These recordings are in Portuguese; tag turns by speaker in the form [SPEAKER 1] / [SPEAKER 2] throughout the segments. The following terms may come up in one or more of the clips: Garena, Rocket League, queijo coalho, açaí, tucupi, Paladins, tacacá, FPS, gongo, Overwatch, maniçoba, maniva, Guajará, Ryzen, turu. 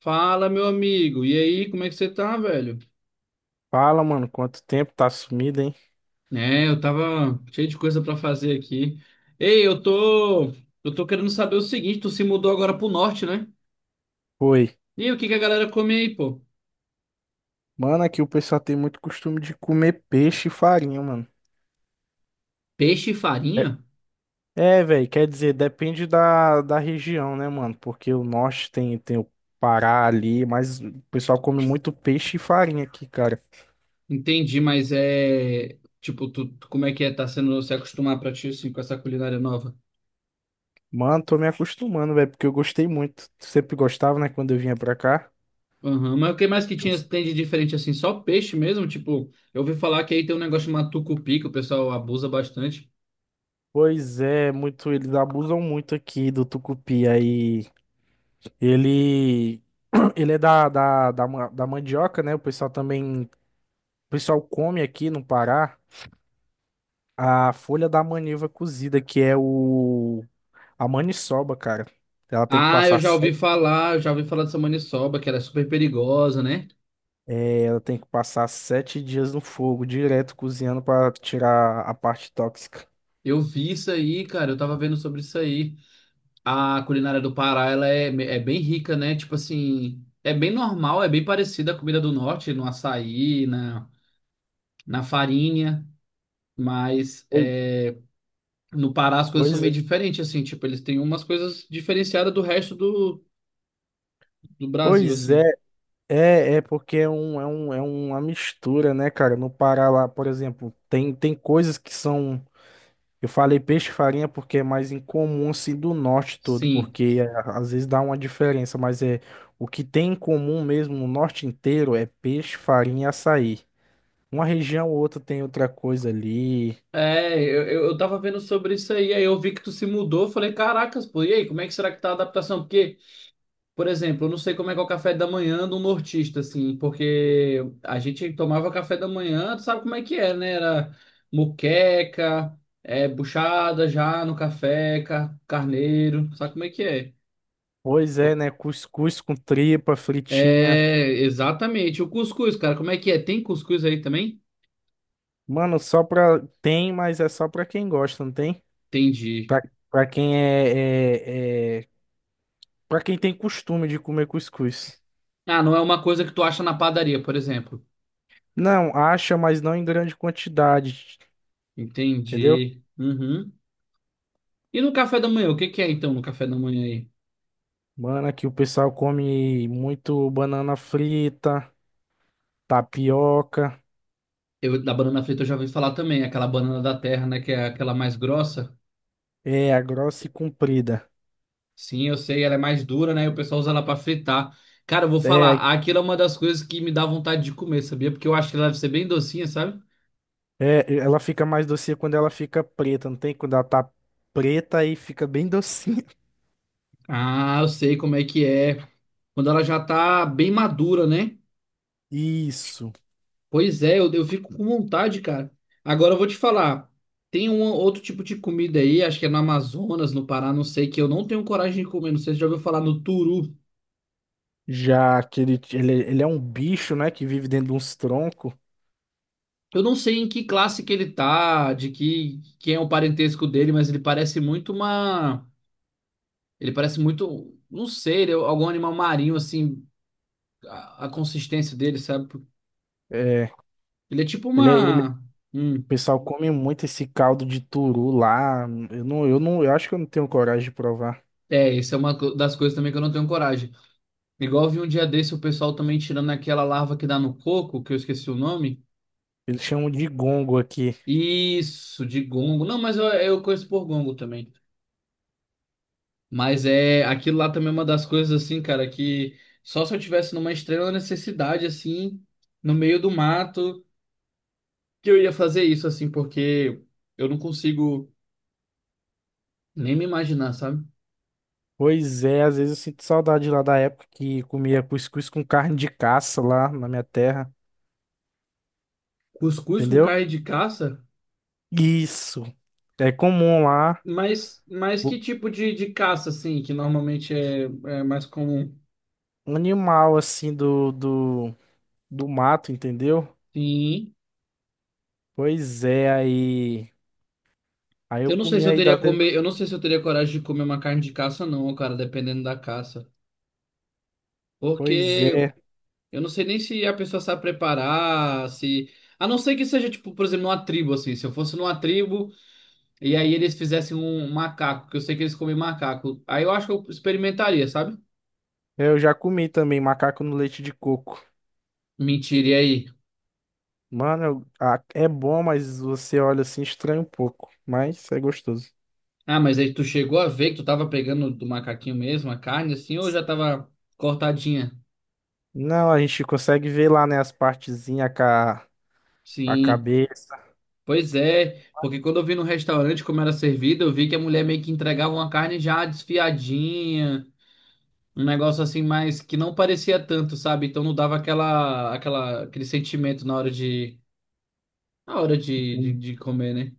[SPEAKER 1] Fala, meu amigo. E aí, como é que você tá, velho?
[SPEAKER 2] Fala, mano, quanto tempo tá sumido, hein?
[SPEAKER 1] É, eu tava cheio de coisa pra fazer aqui. Ei, eu tô querendo saber o seguinte, tu se mudou agora pro norte, né?
[SPEAKER 2] Foi.
[SPEAKER 1] E aí, o que que a galera come aí, pô?
[SPEAKER 2] Mano, aqui o pessoal tem muito costume de comer peixe e farinha, mano.
[SPEAKER 1] Peixe e
[SPEAKER 2] É,
[SPEAKER 1] farinha?
[SPEAKER 2] é, velho, quer dizer, depende da região, né, mano? Porque o norte tem o Pará ali, mas o pessoal come muito peixe e farinha aqui, cara.
[SPEAKER 1] Entendi, mas é, tipo, como é que é tá sendo se acostumar pra ti assim com essa culinária nova?
[SPEAKER 2] Mano, tô me acostumando, velho, porque eu gostei muito. Sempre gostava, né, quando eu vinha pra cá.
[SPEAKER 1] Aham, mas o que mais que
[SPEAKER 2] Eu-
[SPEAKER 1] tinha tem de diferente assim? Só peixe mesmo? Tipo, eu ouvi falar que aí tem um negócio chamado tucupi que o pessoal abusa bastante.
[SPEAKER 2] Pois é, muito, eles abusam muito aqui do tucupi aí. Ele, ele é da mandioca, né? O pessoal come aqui no Pará a folha da maniva cozida, que é o a maniçoba, cara. Ela tem que
[SPEAKER 1] Ah,
[SPEAKER 2] passar sete,
[SPEAKER 1] eu já ouvi falar dessa maniçoba, que ela é super perigosa, né?
[SPEAKER 2] ela tem que passar sete dias no fogo, direto cozinhando para tirar a parte tóxica.
[SPEAKER 1] Eu vi isso aí, cara, eu tava vendo sobre isso aí. A culinária do Pará, ela é bem rica, né? Tipo assim, é bem normal, é bem parecida à comida do norte, no açaí, na farinha, mas
[SPEAKER 2] Pois
[SPEAKER 1] é, no Pará as coisas são
[SPEAKER 2] pois é.
[SPEAKER 1] meio diferentes, assim, tipo, eles têm umas coisas diferenciadas do resto do Brasil,
[SPEAKER 2] Pois é,
[SPEAKER 1] assim.
[SPEAKER 2] porque é uma mistura, né, cara? No Pará lá, por exemplo, tem coisas que são. Eu falei peixe e farinha porque é mais incomum assim do norte todo,
[SPEAKER 1] Sim.
[SPEAKER 2] porque é, às vezes dá uma diferença, mas é o que tem em comum mesmo no norte inteiro é peixe, farinha e açaí. Uma região ou outra tem outra coisa ali.
[SPEAKER 1] É, eu tava vendo sobre isso aí, aí eu vi que tu se mudou, eu falei, caracas, pô, e aí, como é que será que tá a adaptação? Porque, por exemplo, eu não sei como é que é o café da manhã do nortista, assim, porque a gente tomava café da manhã, tu sabe como é que é, né? Era moqueca, é, buchada já no café, carneiro, sabe como é que é?
[SPEAKER 2] Pois é, né? Cuscuz com tripa, fritinha.
[SPEAKER 1] É, exatamente, o cuscuz, cara, como é que é? Tem cuscuz aí também?
[SPEAKER 2] Mano, só pra. Tem, mas é só pra quem gosta, não tem?
[SPEAKER 1] Entendi.
[SPEAKER 2] Pra, pra quem é, é, é. Pra quem tem costume de comer cuscuz.
[SPEAKER 1] Ah, não é uma coisa que tu acha na padaria, por exemplo.
[SPEAKER 2] Não, acha, mas não em grande quantidade, entendeu?
[SPEAKER 1] Entendi. Uhum. E no café da manhã, o que que é então no café da manhã aí?
[SPEAKER 2] Mano, aqui o pessoal come muito banana frita, tapioca.
[SPEAKER 1] Da banana frita eu já ouvi falar também, aquela banana da terra, né, que é aquela mais grossa.
[SPEAKER 2] É, a grossa e comprida.
[SPEAKER 1] Sim, eu sei, ela é mais dura, né, e o pessoal usa ela pra fritar. Cara, eu vou
[SPEAKER 2] É,
[SPEAKER 1] falar, aquilo é uma das coisas que me dá vontade de comer, sabia? Porque eu acho que ela deve ser bem docinha, sabe?
[SPEAKER 2] é, ela fica mais docinha quando ela fica preta, não tem? Quando ela tá preta aí fica bem docinha.
[SPEAKER 1] Ah, eu sei como é que é. Quando ela já tá bem madura, né?
[SPEAKER 2] Isso.
[SPEAKER 1] Pois é, eu fico com vontade, cara. Agora eu vou te falar, tem um outro tipo de comida aí, acho que é no Amazonas, no Pará, não sei, que eu não tenho coragem de comer, não sei se você já ouviu falar no turu.
[SPEAKER 2] Já que ele é um bicho, né, que vive dentro de uns troncos.
[SPEAKER 1] Eu não sei em que classe que ele tá, de que quem é o parentesco dele, mas ele parece muito, não sei, ele é algum animal marinho assim, a consistência dele, sabe?
[SPEAKER 2] É,
[SPEAKER 1] Ele é tipo
[SPEAKER 2] é,
[SPEAKER 1] uma,
[SPEAKER 2] o
[SPEAKER 1] hum,
[SPEAKER 2] pessoal come muito esse caldo de turu lá. Eu acho que eu não tenho coragem de provar.
[SPEAKER 1] é, isso é das coisas também que eu não tenho coragem. Igual eu vi um dia desse o pessoal também tirando aquela larva que dá no coco, que eu esqueci o nome.
[SPEAKER 2] Eles chamam de gongo aqui.
[SPEAKER 1] Isso, de gongo. Não, mas eu conheço por gongo também. Mas é aquilo lá também é uma das coisas assim, cara, que só se eu tivesse numa extrema necessidade assim, no meio do mato, que eu ia fazer isso assim, porque eu não consigo nem me imaginar, sabe?
[SPEAKER 2] Pois é, às vezes eu sinto saudade lá da época que comia cuscuz com carne de caça lá na minha terra,
[SPEAKER 1] Cuscuz com
[SPEAKER 2] entendeu?
[SPEAKER 1] carne de caça,
[SPEAKER 2] Isso. É comum lá,
[SPEAKER 1] mas que
[SPEAKER 2] o
[SPEAKER 1] tipo de caça assim, que normalmente é mais comum?
[SPEAKER 2] animal assim do mato, entendeu?
[SPEAKER 1] Sim.
[SPEAKER 2] Pois é, aí. Aí eu comi aí da.
[SPEAKER 1] Eu não sei se eu teria coragem de comer uma carne de caça não, cara, dependendo da caça.
[SPEAKER 2] Pois
[SPEAKER 1] Porque
[SPEAKER 2] é.
[SPEAKER 1] eu não sei nem se a pessoa sabe preparar, se. A não ser que seja, tipo, por exemplo, numa tribo, assim. Se eu fosse numa tribo e aí eles fizessem um macaco, que eu sei que eles comem macaco. Aí eu acho que eu experimentaria, sabe?
[SPEAKER 2] É, eu já comi também macaco no leite de coco.
[SPEAKER 1] Mentira, e aí?
[SPEAKER 2] Mano, ah, é bom, mas você olha assim, estranha um pouco. Mas é gostoso.
[SPEAKER 1] Ah, mas aí tu chegou a ver que tu tava pegando do macaquinho mesmo a carne, assim, ou já tava cortadinha?
[SPEAKER 2] Não, a gente consegue ver lá, né, as partezinhas, a
[SPEAKER 1] Sim.
[SPEAKER 2] cabeça.
[SPEAKER 1] Pois é, porque quando eu vi no restaurante como era servido, eu vi que a mulher meio que entregava uma carne já desfiadinha. Um negócio assim, mais que não parecia tanto, sabe? Então não dava aquele sentimento na hora de comer, né?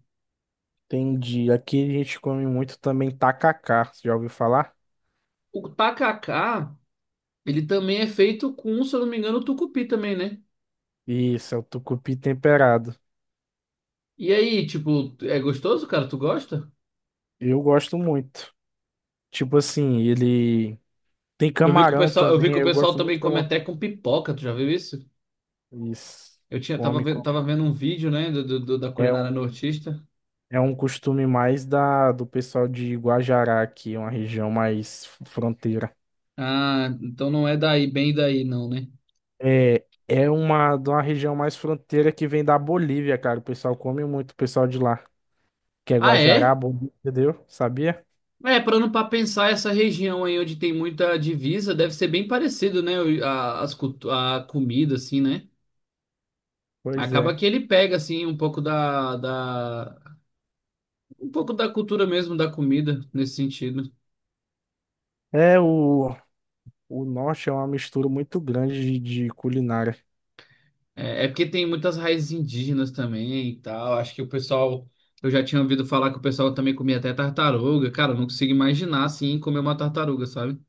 [SPEAKER 2] Entendi. Aqui a gente come muito também tacacá, você já ouviu falar?
[SPEAKER 1] O tacacá, ele também é feito com, se eu não me engano, tucupi também, né?
[SPEAKER 2] Isso, é o tucupi temperado.
[SPEAKER 1] E aí, tipo, é gostoso, cara? Tu gosta?
[SPEAKER 2] Eu gosto muito. Tipo assim, ele tem camarão
[SPEAKER 1] Eu vi
[SPEAKER 2] também,
[SPEAKER 1] que o
[SPEAKER 2] eu
[SPEAKER 1] pessoal
[SPEAKER 2] gosto muito
[SPEAKER 1] também
[SPEAKER 2] de
[SPEAKER 1] come
[SPEAKER 2] camarão.
[SPEAKER 1] até com pipoca, tu já viu isso?
[SPEAKER 2] Isso.
[SPEAKER 1] Eu tinha,
[SPEAKER 2] Come, come.
[SPEAKER 1] tava vendo um vídeo, né, da
[SPEAKER 2] É
[SPEAKER 1] culinária
[SPEAKER 2] um,
[SPEAKER 1] nortista.
[SPEAKER 2] é um costume mais do pessoal de Guajará aqui, uma região mais fronteira.
[SPEAKER 1] Ah, então não é daí, bem daí, não, né?
[SPEAKER 2] É, de uma região mais fronteira que vem da Bolívia, cara. O pessoal come muito, o pessoal de lá, que é
[SPEAKER 1] Ah, é?
[SPEAKER 2] Guajará, Bolívia, entendeu? Sabia?
[SPEAKER 1] É, parando para pensar, essa região aí onde tem muita divisa deve ser bem parecido, né? A comida, assim, né?
[SPEAKER 2] Pois
[SPEAKER 1] Acaba
[SPEAKER 2] é.
[SPEAKER 1] que ele pega, assim, um pouco da cultura mesmo da comida, nesse sentido.
[SPEAKER 2] É o O norte é uma mistura muito grande de culinária.
[SPEAKER 1] É, porque tem muitas raízes indígenas também e tal. Acho que o pessoal, eu já tinha ouvido falar que o pessoal também comia até tartaruga. Cara, eu não consigo imaginar, assim, comer uma tartaruga, sabe?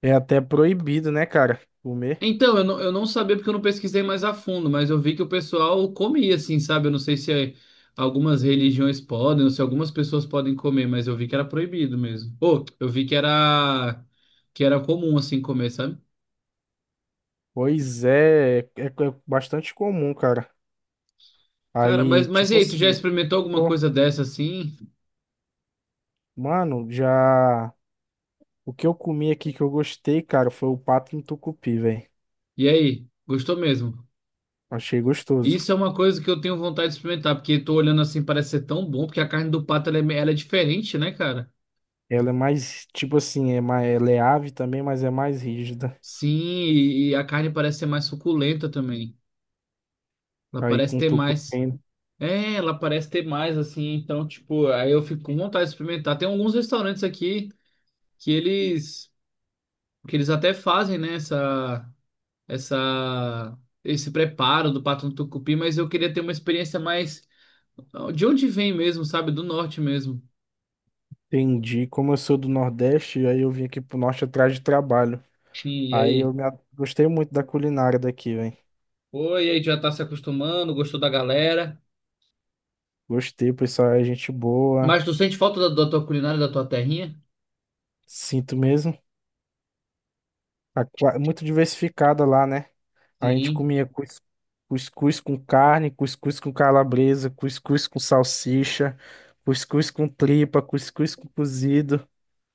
[SPEAKER 2] É até proibido, né, cara? Comer.
[SPEAKER 1] Então, eu não sabia porque eu não pesquisei mais a fundo, mas eu vi que o pessoal comia, assim, sabe? Eu não sei se algumas religiões podem, ou se algumas pessoas podem comer, mas eu vi que era proibido mesmo. Ou, eu vi que era comum, assim, comer, sabe?
[SPEAKER 2] Pois é, bastante comum, cara.
[SPEAKER 1] Cara, mas,
[SPEAKER 2] Aí,
[SPEAKER 1] mas e
[SPEAKER 2] tipo
[SPEAKER 1] aí, tu já
[SPEAKER 2] assim,
[SPEAKER 1] experimentou alguma
[SPEAKER 2] eu-
[SPEAKER 1] coisa dessa, assim?
[SPEAKER 2] mano, já. O que eu comi aqui que eu gostei, cara, foi o pato no tucupi, velho.
[SPEAKER 1] E aí, gostou mesmo?
[SPEAKER 2] Achei gostoso.
[SPEAKER 1] Isso é uma coisa que eu tenho vontade de experimentar, porque tô olhando assim, parece ser tão bom, porque a carne do pato, ela é diferente, né, cara?
[SPEAKER 2] Ela é mais, tipo assim, é mais, ela é ave também, mas é mais rígida.
[SPEAKER 1] Sim, e a carne parece ser mais suculenta também. Ela
[SPEAKER 2] Aí
[SPEAKER 1] parece
[SPEAKER 2] com
[SPEAKER 1] ter mais.
[SPEAKER 2] tucupi,
[SPEAKER 1] É, ela parece ter mais, assim, então, tipo, aí eu fico com vontade de experimentar. Tem alguns restaurantes aqui que eles, que eles até fazem, né, essa, esse preparo do pato no tucupi, mas eu queria ter uma experiência mais, de onde vem mesmo, sabe, do norte mesmo.
[SPEAKER 2] entendi. Como eu sou do Nordeste, aí eu vim aqui pro Norte atrás de trabalho.
[SPEAKER 1] Sim, e
[SPEAKER 2] Aí eu
[SPEAKER 1] aí?
[SPEAKER 2] gostei muito da culinária daqui, velho.
[SPEAKER 1] Oi, e aí, já tá se acostumando, gostou da galera,
[SPEAKER 2] Gostei, o pessoal é gente boa.
[SPEAKER 1] mas tu sente falta da tua culinária, da tua terrinha?
[SPEAKER 2] Sinto mesmo. Muito diversificada lá, né? A gente
[SPEAKER 1] Sim,
[SPEAKER 2] comia cuscuz com carne, cuscuz com calabresa, cuscuz com salsicha, cuscuz com tripa, cuscuz com cozido.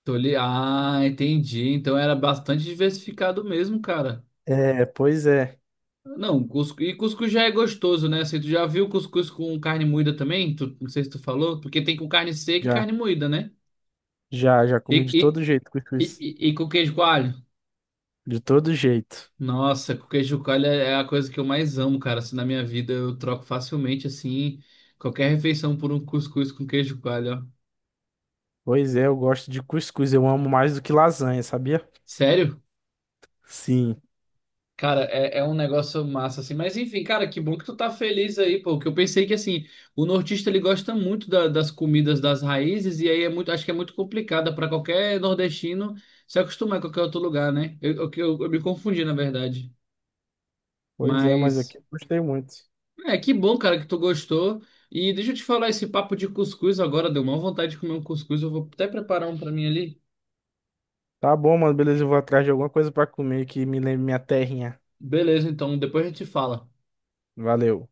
[SPEAKER 1] tô ali, ah, entendi, então era bastante diversificado mesmo, cara.
[SPEAKER 2] É, pois é.
[SPEAKER 1] Não, cuscuz, e cuscuz já é gostoso, né? Assim, tu já viu cuscuz com carne moída também? Tu, não sei se tu falou, porque tem com carne seca e
[SPEAKER 2] Já,
[SPEAKER 1] carne moída, né?
[SPEAKER 2] já, já
[SPEAKER 1] E,
[SPEAKER 2] comi de
[SPEAKER 1] e,
[SPEAKER 2] todo jeito
[SPEAKER 1] e,
[SPEAKER 2] cuscuz.
[SPEAKER 1] e com queijo coalho?
[SPEAKER 2] De todo jeito.
[SPEAKER 1] Nossa, com queijo coalho é a coisa que eu mais amo, cara. Assim, na minha vida eu troco facilmente, assim, qualquer refeição por um cuscuz com queijo coalho, ó.
[SPEAKER 2] Pois é, eu gosto de cuscuz. Eu amo mais do que lasanha, sabia?
[SPEAKER 1] Sério?
[SPEAKER 2] Sim.
[SPEAKER 1] Cara, é um negócio massa, assim. Mas enfim, cara, que bom que tu tá feliz aí, pô. Que eu pensei que, assim, o nortista ele gosta muito das comidas das raízes, e aí é muito, acho que é muito complicada pra qualquer nordestino se acostumar em qualquer outro lugar, né? Eu me confundi, na verdade.
[SPEAKER 2] Pois é, mas
[SPEAKER 1] Mas
[SPEAKER 2] aqui eu gostei muito.
[SPEAKER 1] é que bom, cara, que tu gostou. E deixa eu te falar, esse papo de cuscuz agora deu uma vontade de comer um cuscuz. Eu vou até preparar um pra mim ali.
[SPEAKER 2] Tá bom, mano, beleza. Eu vou atrás de alguma coisa pra comer que me lembre minha terrinha.
[SPEAKER 1] Beleza, então depois a gente fala.
[SPEAKER 2] Valeu.